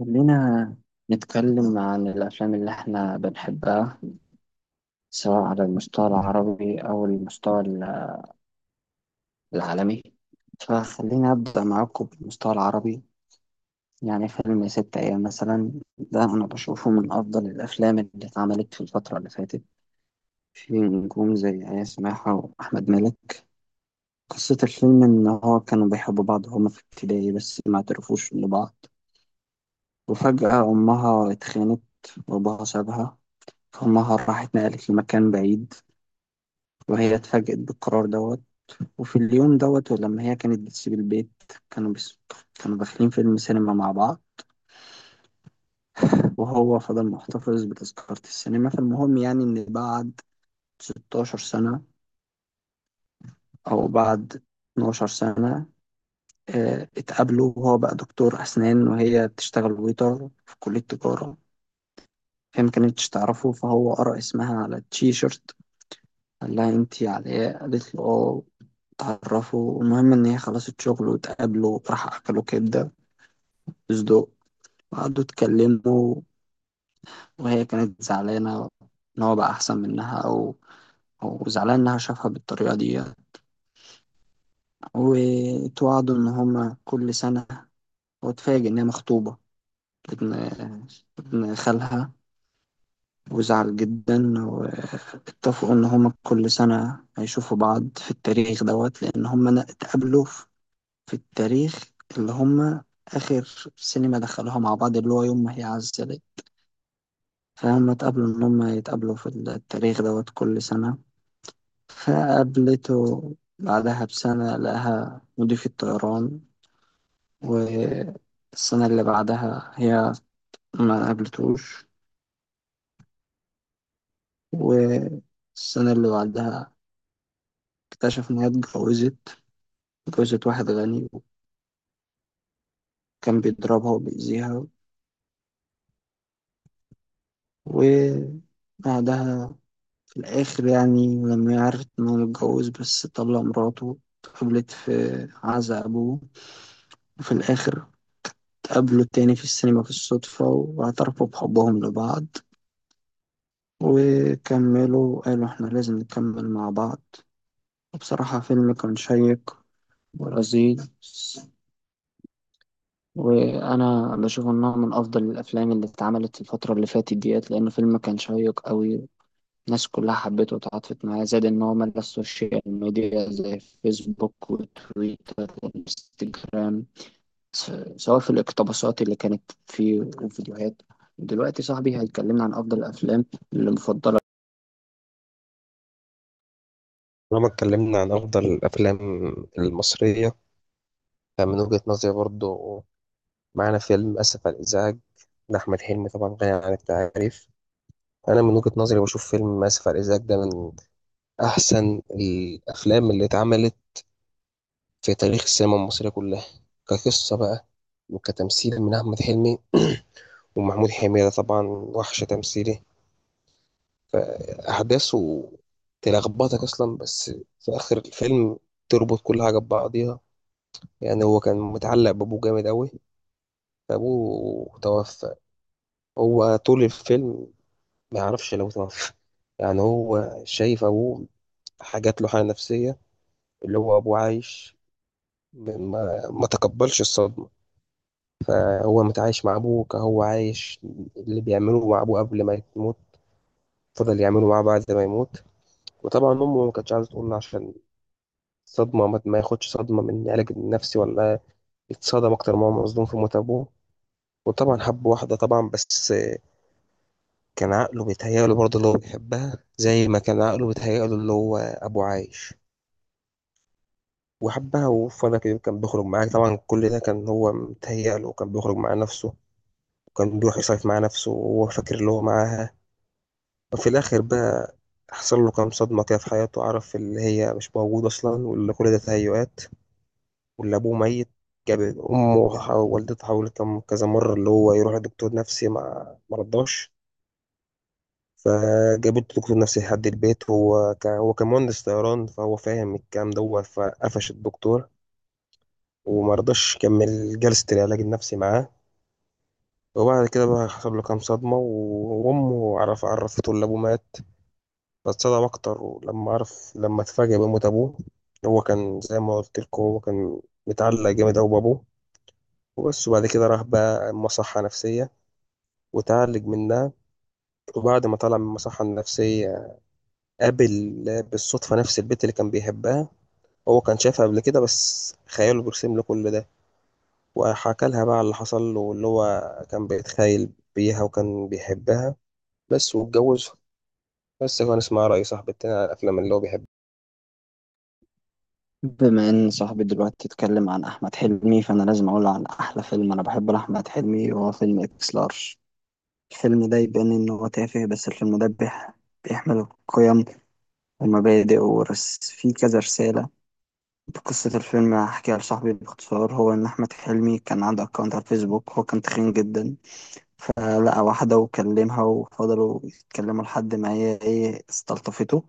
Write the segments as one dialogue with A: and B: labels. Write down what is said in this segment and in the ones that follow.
A: خلينا نتكلم عن الأفلام اللي إحنا بنحبها سواء على المستوى العربي أو العالمي. فخلينا أبدأ معاكم بالمستوى العربي. يعني فيلم ست أيام مثلا، ده أنا بشوفه من أفضل الأفلام اللي اتعملت في الفترة اللي فاتت، في نجوم زي إياس ماحة وأحمد مالك. قصة الفيلم إن هو كانوا بيحبوا بعض، هما في ابتدائي بس ما اعترفوش لبعض. وفجأة أمها اتخانت وأبوها سابها، فأمها راحت نقلت لمكان بعيد، وهي اتفاجأت بالقرار دوت. وفي اليوم دوت، ولما هي كانت بتسيب البيت، كانوا بس كانوا داخلين فيلم سينما مع بعض، وهو فضل محتفظ بتذكرة السينما. فالمهم يعني إن بعد 16 سنة أو بعد 12 سنة اتقابلوا، وهو بقى دكتور أسنان وهي بتشتغل ويتر في كلية تجارة. هي ما كانتش تعرفه، فهو قرأ اسمها على التيشيرت، قال لها انتي علاء، قالت له اه تعرفه. المهم ان هي خلصت شغل واتقابلوا، راح اكلوا كبدة صدق وقعدوا اتكلموا. وهي كانت زعلانة إن هو بقى أحسن منها، أو زعلان إنها شافها بالطريقة دي. وتوعدوا إن هما كل سنة، واتفاجئ إن هي مخطوبة ابن ابن خالها، وزعل جدا. واتفقوا إن هما كل سنة هيشوفوا بعض في التاريخ دوت، لأن هما اتقابلوا في التاريخ اللي هما آخر سينما دخلوها مع بعض، اللي هو يوم ما هي عزلت. فهم اتقابلوا إن هم يتقابلوا في التاريخ دوت كل سنة. فقابلته بعدها بسنة لقاها مضيف الطيران، والسنة اللي بعدها هي ما قابلتوش، والسنة اللي بعدها اكتشف إن هي اتجوزت. اتجوزت واحد غني، وكان بيضربها وبيأذيها. وبعدها في الآخر، يعني لما عرفت إن هو متجوز بس طلق مراته، قبلت في عزا أبوه. وفي الآخر قابلوا التاني في السينما بالصدفة، واعترفوا بحبهم لبعض، وكملوا قالوا إحنا لازم نكمل مع بعض. وبصراحة فيلم كان شيق ولذيذ، وأنا بشوف إنه من أفضل الأفلام اللي اتعملت الفترة اللي فاتت ديت، لأنه فيلم كان شيق أوي. الناس كلها حبته وتعاطفت معاه، زائد إن هو ملا السوشيال ميديا زي فيسبوك وتويتر وإنستجرام، س- سواء في الاقتباسات اللي كانت في الفيديوهات. دلوقتي صاحبي هيكلمنا عن أفضل الأفلام اللي مفضلة.
B: طالما اتكلمنا عن أفضل الأفلام المصرية، فمن وجهة نظري برضو معانا فيلم أسف على الإزعاج لأحمد حلمي. طبعا غني عن التعريف. أنا من وجهة نظري بشوف فيلم أسف على الإزعاج ده من أحسن الأفلام اللي اتعملت في تاريخ السينما المصرية كلها، كقصة بقى وكتمثيل من أحمد حلمي ومحمود حميدة. طبعا وحش تمثيلي. أحداثه تلخبطك أصلا، بس في آخر الفيلم تربط كل حاجة ببعضيها. يعني هو كان متعلق بأبوه جامد أوي. أبوه توفى، هو طول الفيلم ما يعرفش لو توفى. يعني هو شايف أبوه حاجات، له حالة نفسية اللي هو أبوه عايش، ما تقبلش الصدمة. هو متعايش مع أبوه كهو عايش، اللي بيعمله مع أبوه قبل ما يموت فضل يعمله معاه بعد ما يموت. وطبعا أمه ما كانتش عايزة تقول له عشان صدمة، ما ما ياخدش صدمة من علاج نفسي، ولا يتصدم أكتر ما هو مصدوم في موت أبوه. وطبعا حب واحدة طبعا، بس كان عقله بيتهيأله برضه اللي هو بيحبها، زي ما كان عقله بيتهيأله اللي هو أبو عايش. وحبها وفضل كده كان بيخرج معاها، طبعا كل ده كان هو متهيأله وكان بيخرج مع نفسه، وكان بيروح يصيف مع نفسه وهو فاكر اللي هو معاها. وفي الآخر بقى حصل له كام صدمة كده في حياته، عرف اللي هي مش موجودة أصلا، واللي كل ده تهيؤات، واللي أبوه ميت. جاب أمه، ووالدته حاولت كذا مرة اللي هو يروح لدكتور نفسي، ما مرضاش. فجابت دكتور نفسي لحد البيت، هو كان مهندس طيران، فهو فاهم الكلام ده فقفش الدكتور، وما رضاش يكمل جلسة العلاج النفسي معاه. وبعد كده بقى حصل له كام صدمة، وأمه عرفته إن أبوه مات. فاتصدم أكتر ولما عرف، لما اتفاجأ بموت أبوه. هو كان زي ما قلت لكم، هو كان متعلق جامد أوي بأبوه. وبس، وبعد كده راح بقى مصحة نفسية وتعالج منها. وبعد ما طلع من المصحة النفسية قابل بالصدفة نفس البنت اللي كان بيحبها. هو كان شايفها قبل كده، بس خياله بيرسم له كل ده. وحكى لها بقى على اللي حصل له، واللي هو كان بيتخيل بيها وكان بيحبها بس، واتجوزها. بس كان اسمها. رأي صاحب التاني على الأفلام اللي هو بيحبها.
A: بما إن صاحبي دلوقتي اتكلم عن أحمد حلمي، فأنا لازم أقول عن أحلى فيلم أنا بحبه لأحمد حلمي، وهو فيلم إكس لارج. الفيلم ده يبان إن هو تافه، بس الفيلم ده بيحمل قيم ومبادئ ورس فيه كذا رسالة. قصة الفيلم هحكيها لصاحبي باختصار، هو إن أحمد حلمي كان عنده أكونت على الفيسبوك، هو كان تخين جدا. فلقى واحدة وكلمها وفضلوا يتكلموا لحد ما هي ايه استلطفته.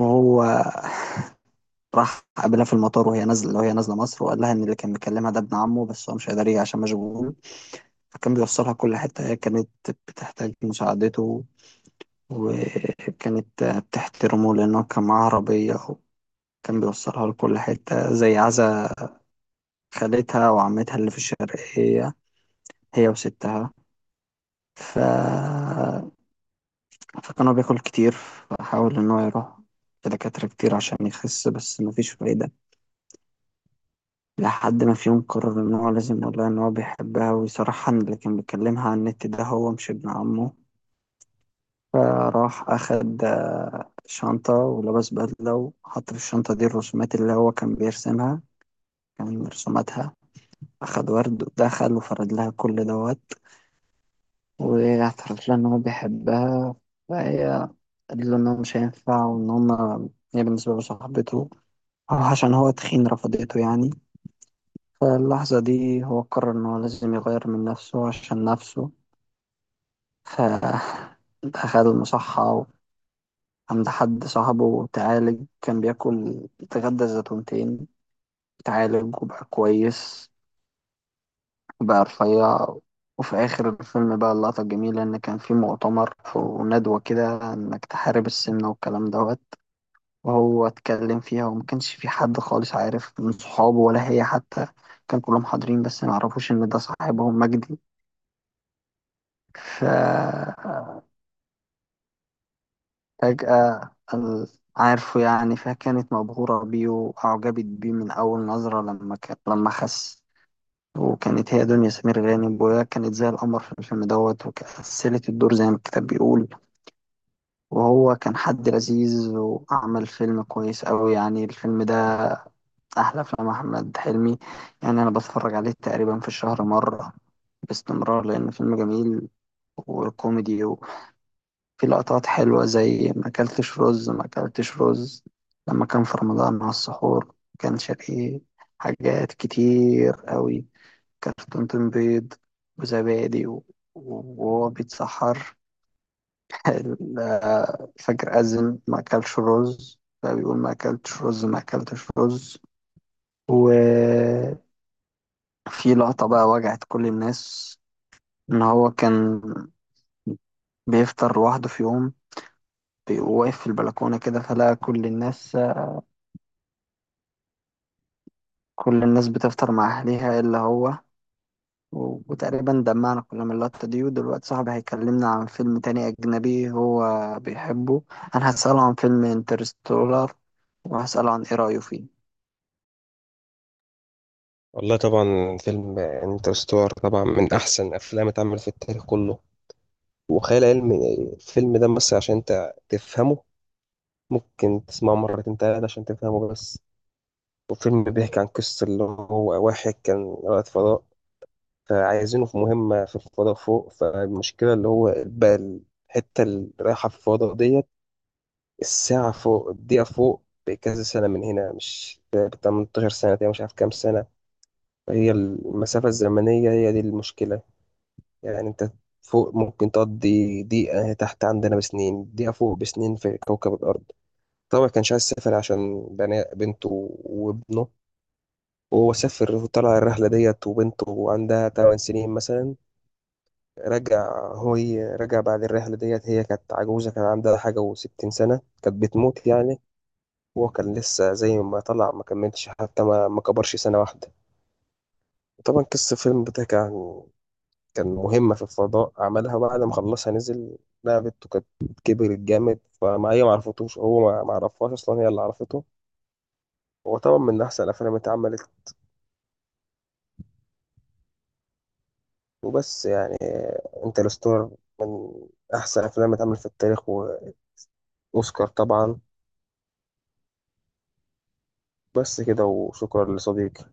A: وهو راح قابلها في المطار وهي نازلة، وهي نازلة مصر، وقال لها إن اللي كان مكلمها ده ابن عمه، بس هو مش قادر يجي عشان مشغول. فكان بيوصلها كل حتة هي كانت بتحتاج مساعدته، وكانت بتحترمه لأنه كان معاه عربية، وكان بيوصلها لكل حتة زي عزا خالتها وعمتها اللي في الشرقية، هي وستها. ف فكان هو بياكل كتير، فحاول إن هو يروح لدكاترة كتير عشان يخس، بس مفيش فايدة. لحد ما في يوم قرر إن هو لازم يقول لها إن هو بيحبها، ويصرحها إن اللي كان بيكلمها على النت ده هو مش ابن عمه. فراح أخد شنطة ولبس بدلة، وحط في الشنطة دي الرسومات اللي هو كان بيرسمها، كان رسوماتها. أخد ورد ودخل وفرد لها كل دوت، واعترف لها إن هو بيحبها. فهي قال له إن هو مش هينفع، وإن هما هي بالنسبة له صاحبته، عشان هو تخين رفضته يعني. فاللحظة دي هو قرر إن هو لازم يغير من نفسه عشان نفسه، فدخل المصحة عند حد صاحبه وتعالج، كان بياكل يتغدى زيتونتين. تعالج وبقى كويس وبقى رفيع. وفي آخر الفيلم بقى اللقطة الجميلة، إن كان في مؤتمر وندوة كده إنك تحارب السمنة والكلام دوت، وهو اتكلم فيها، وما كانش في حد خالص عارف من صحابه ولا هي حتى. كان كلهم حاضرين بس ما يعرفوش ان ده صاحبهم مجدي. ف فجأة عارفه يعني. فكانت مبهورة بيه وأعجبت بيه من أول نظرة، لما لما خس. وكانت هي دنيا سمير غانم، وهي كانت زي القمر في الفيلم دوت، وكسلت الدور زي ما الكتاب بيقول. وهو كان حد لذيذ وعمل فيلم كويس أوي، يعني الفيلم أحلى أفلام أحمد حلمي. يعني أنا بتفرج عليه تقريبا في الشهر مرة باستمرار، لأن فيلم جميل وكوميدي، وفي لقطات حلوة زي ما أكلتش رز ما أكلتش رز لما كان في رمضان مع السحور، كان شقي. حاجات كتير أوي، كرتونة بيض وزبادي وهو بيتسحر، الفجر أذن ما أكلش رز، فبيقول ما أكلتش رز ما أكلتش رز. و في لقطة بقى وجعت كل الناس، إن هو كان بيفطر لوحده في يوم، وواقف في البلكونة كده، فلقى كل الناس، كل الناس بتفطر مع أهلها إلا هو. وتقريبا دمعنا كلنا من اللقطة دي. ودلوقتي صاحبي هيكلمنا عن فيلم تاني أجنبي هو بيحبه، أنا هسأله عن فيلم انترستولار، وهسأله عن إيه رأيه فيه.
B: والله طبعا فيلم انترستور طبعا من أحسن أفلام اتعمل في التاريخ كله. وخيال علمي الفيلم ده، بس عشان أنت تفهمه ممكن تسمعه مرتين تلاتة عشان تفهمه بس. والفيلم بيحكي عن قصة اللي هو واحد كان رائد فضاء، فعايزينه في مهمة في الفضاء فوق. فالمشكلة اللي هو بقى الحتة اللي رايحة في الفضاء ديت، الساعة فوق الدقيقة فوق بكذا سنة من هنا، مش ب 18 سنة تقريبا، مش عارف كام سنة. هي المسافة الزمنية هي دي المشكلة. يعني أنت فوق ممكن تقضي دقيقة، تحت عندنا بسنين، دقيقة فوق بسنين في كوكب الأرض. طبعا كانش عايز يسافر عشان بنته وابنه. وهو سافر وطلع الرحلة ديت، وبنته عندها 8 سنين مثلا. رجع هو، رجع بعد الرحلة ديت هي كانت عجوزة، كان عندها حاجة وستين سنة، كانت بتموت يعني. وهو كان لسه زي ما طلع، ما كملش حتى، ما كبرش سنة واحدة. طبعا قصة الفيلم ده كان كان مهمة في الفضاء عملها، بعد ما خلصها نزل. لعبته كانت كبرت جامد، فما هي ما عرفتوش، هو ما عرفهاش أصلا، هي اللي عرفته. هو طبعا من أحسن الأفلام اللي اتعملت وبس، يعني انترستولار من أحسن الأفلام اللي اتعملت في التاريخ، وأوسكار طبعا. بس كده، وشكرا لصديقي.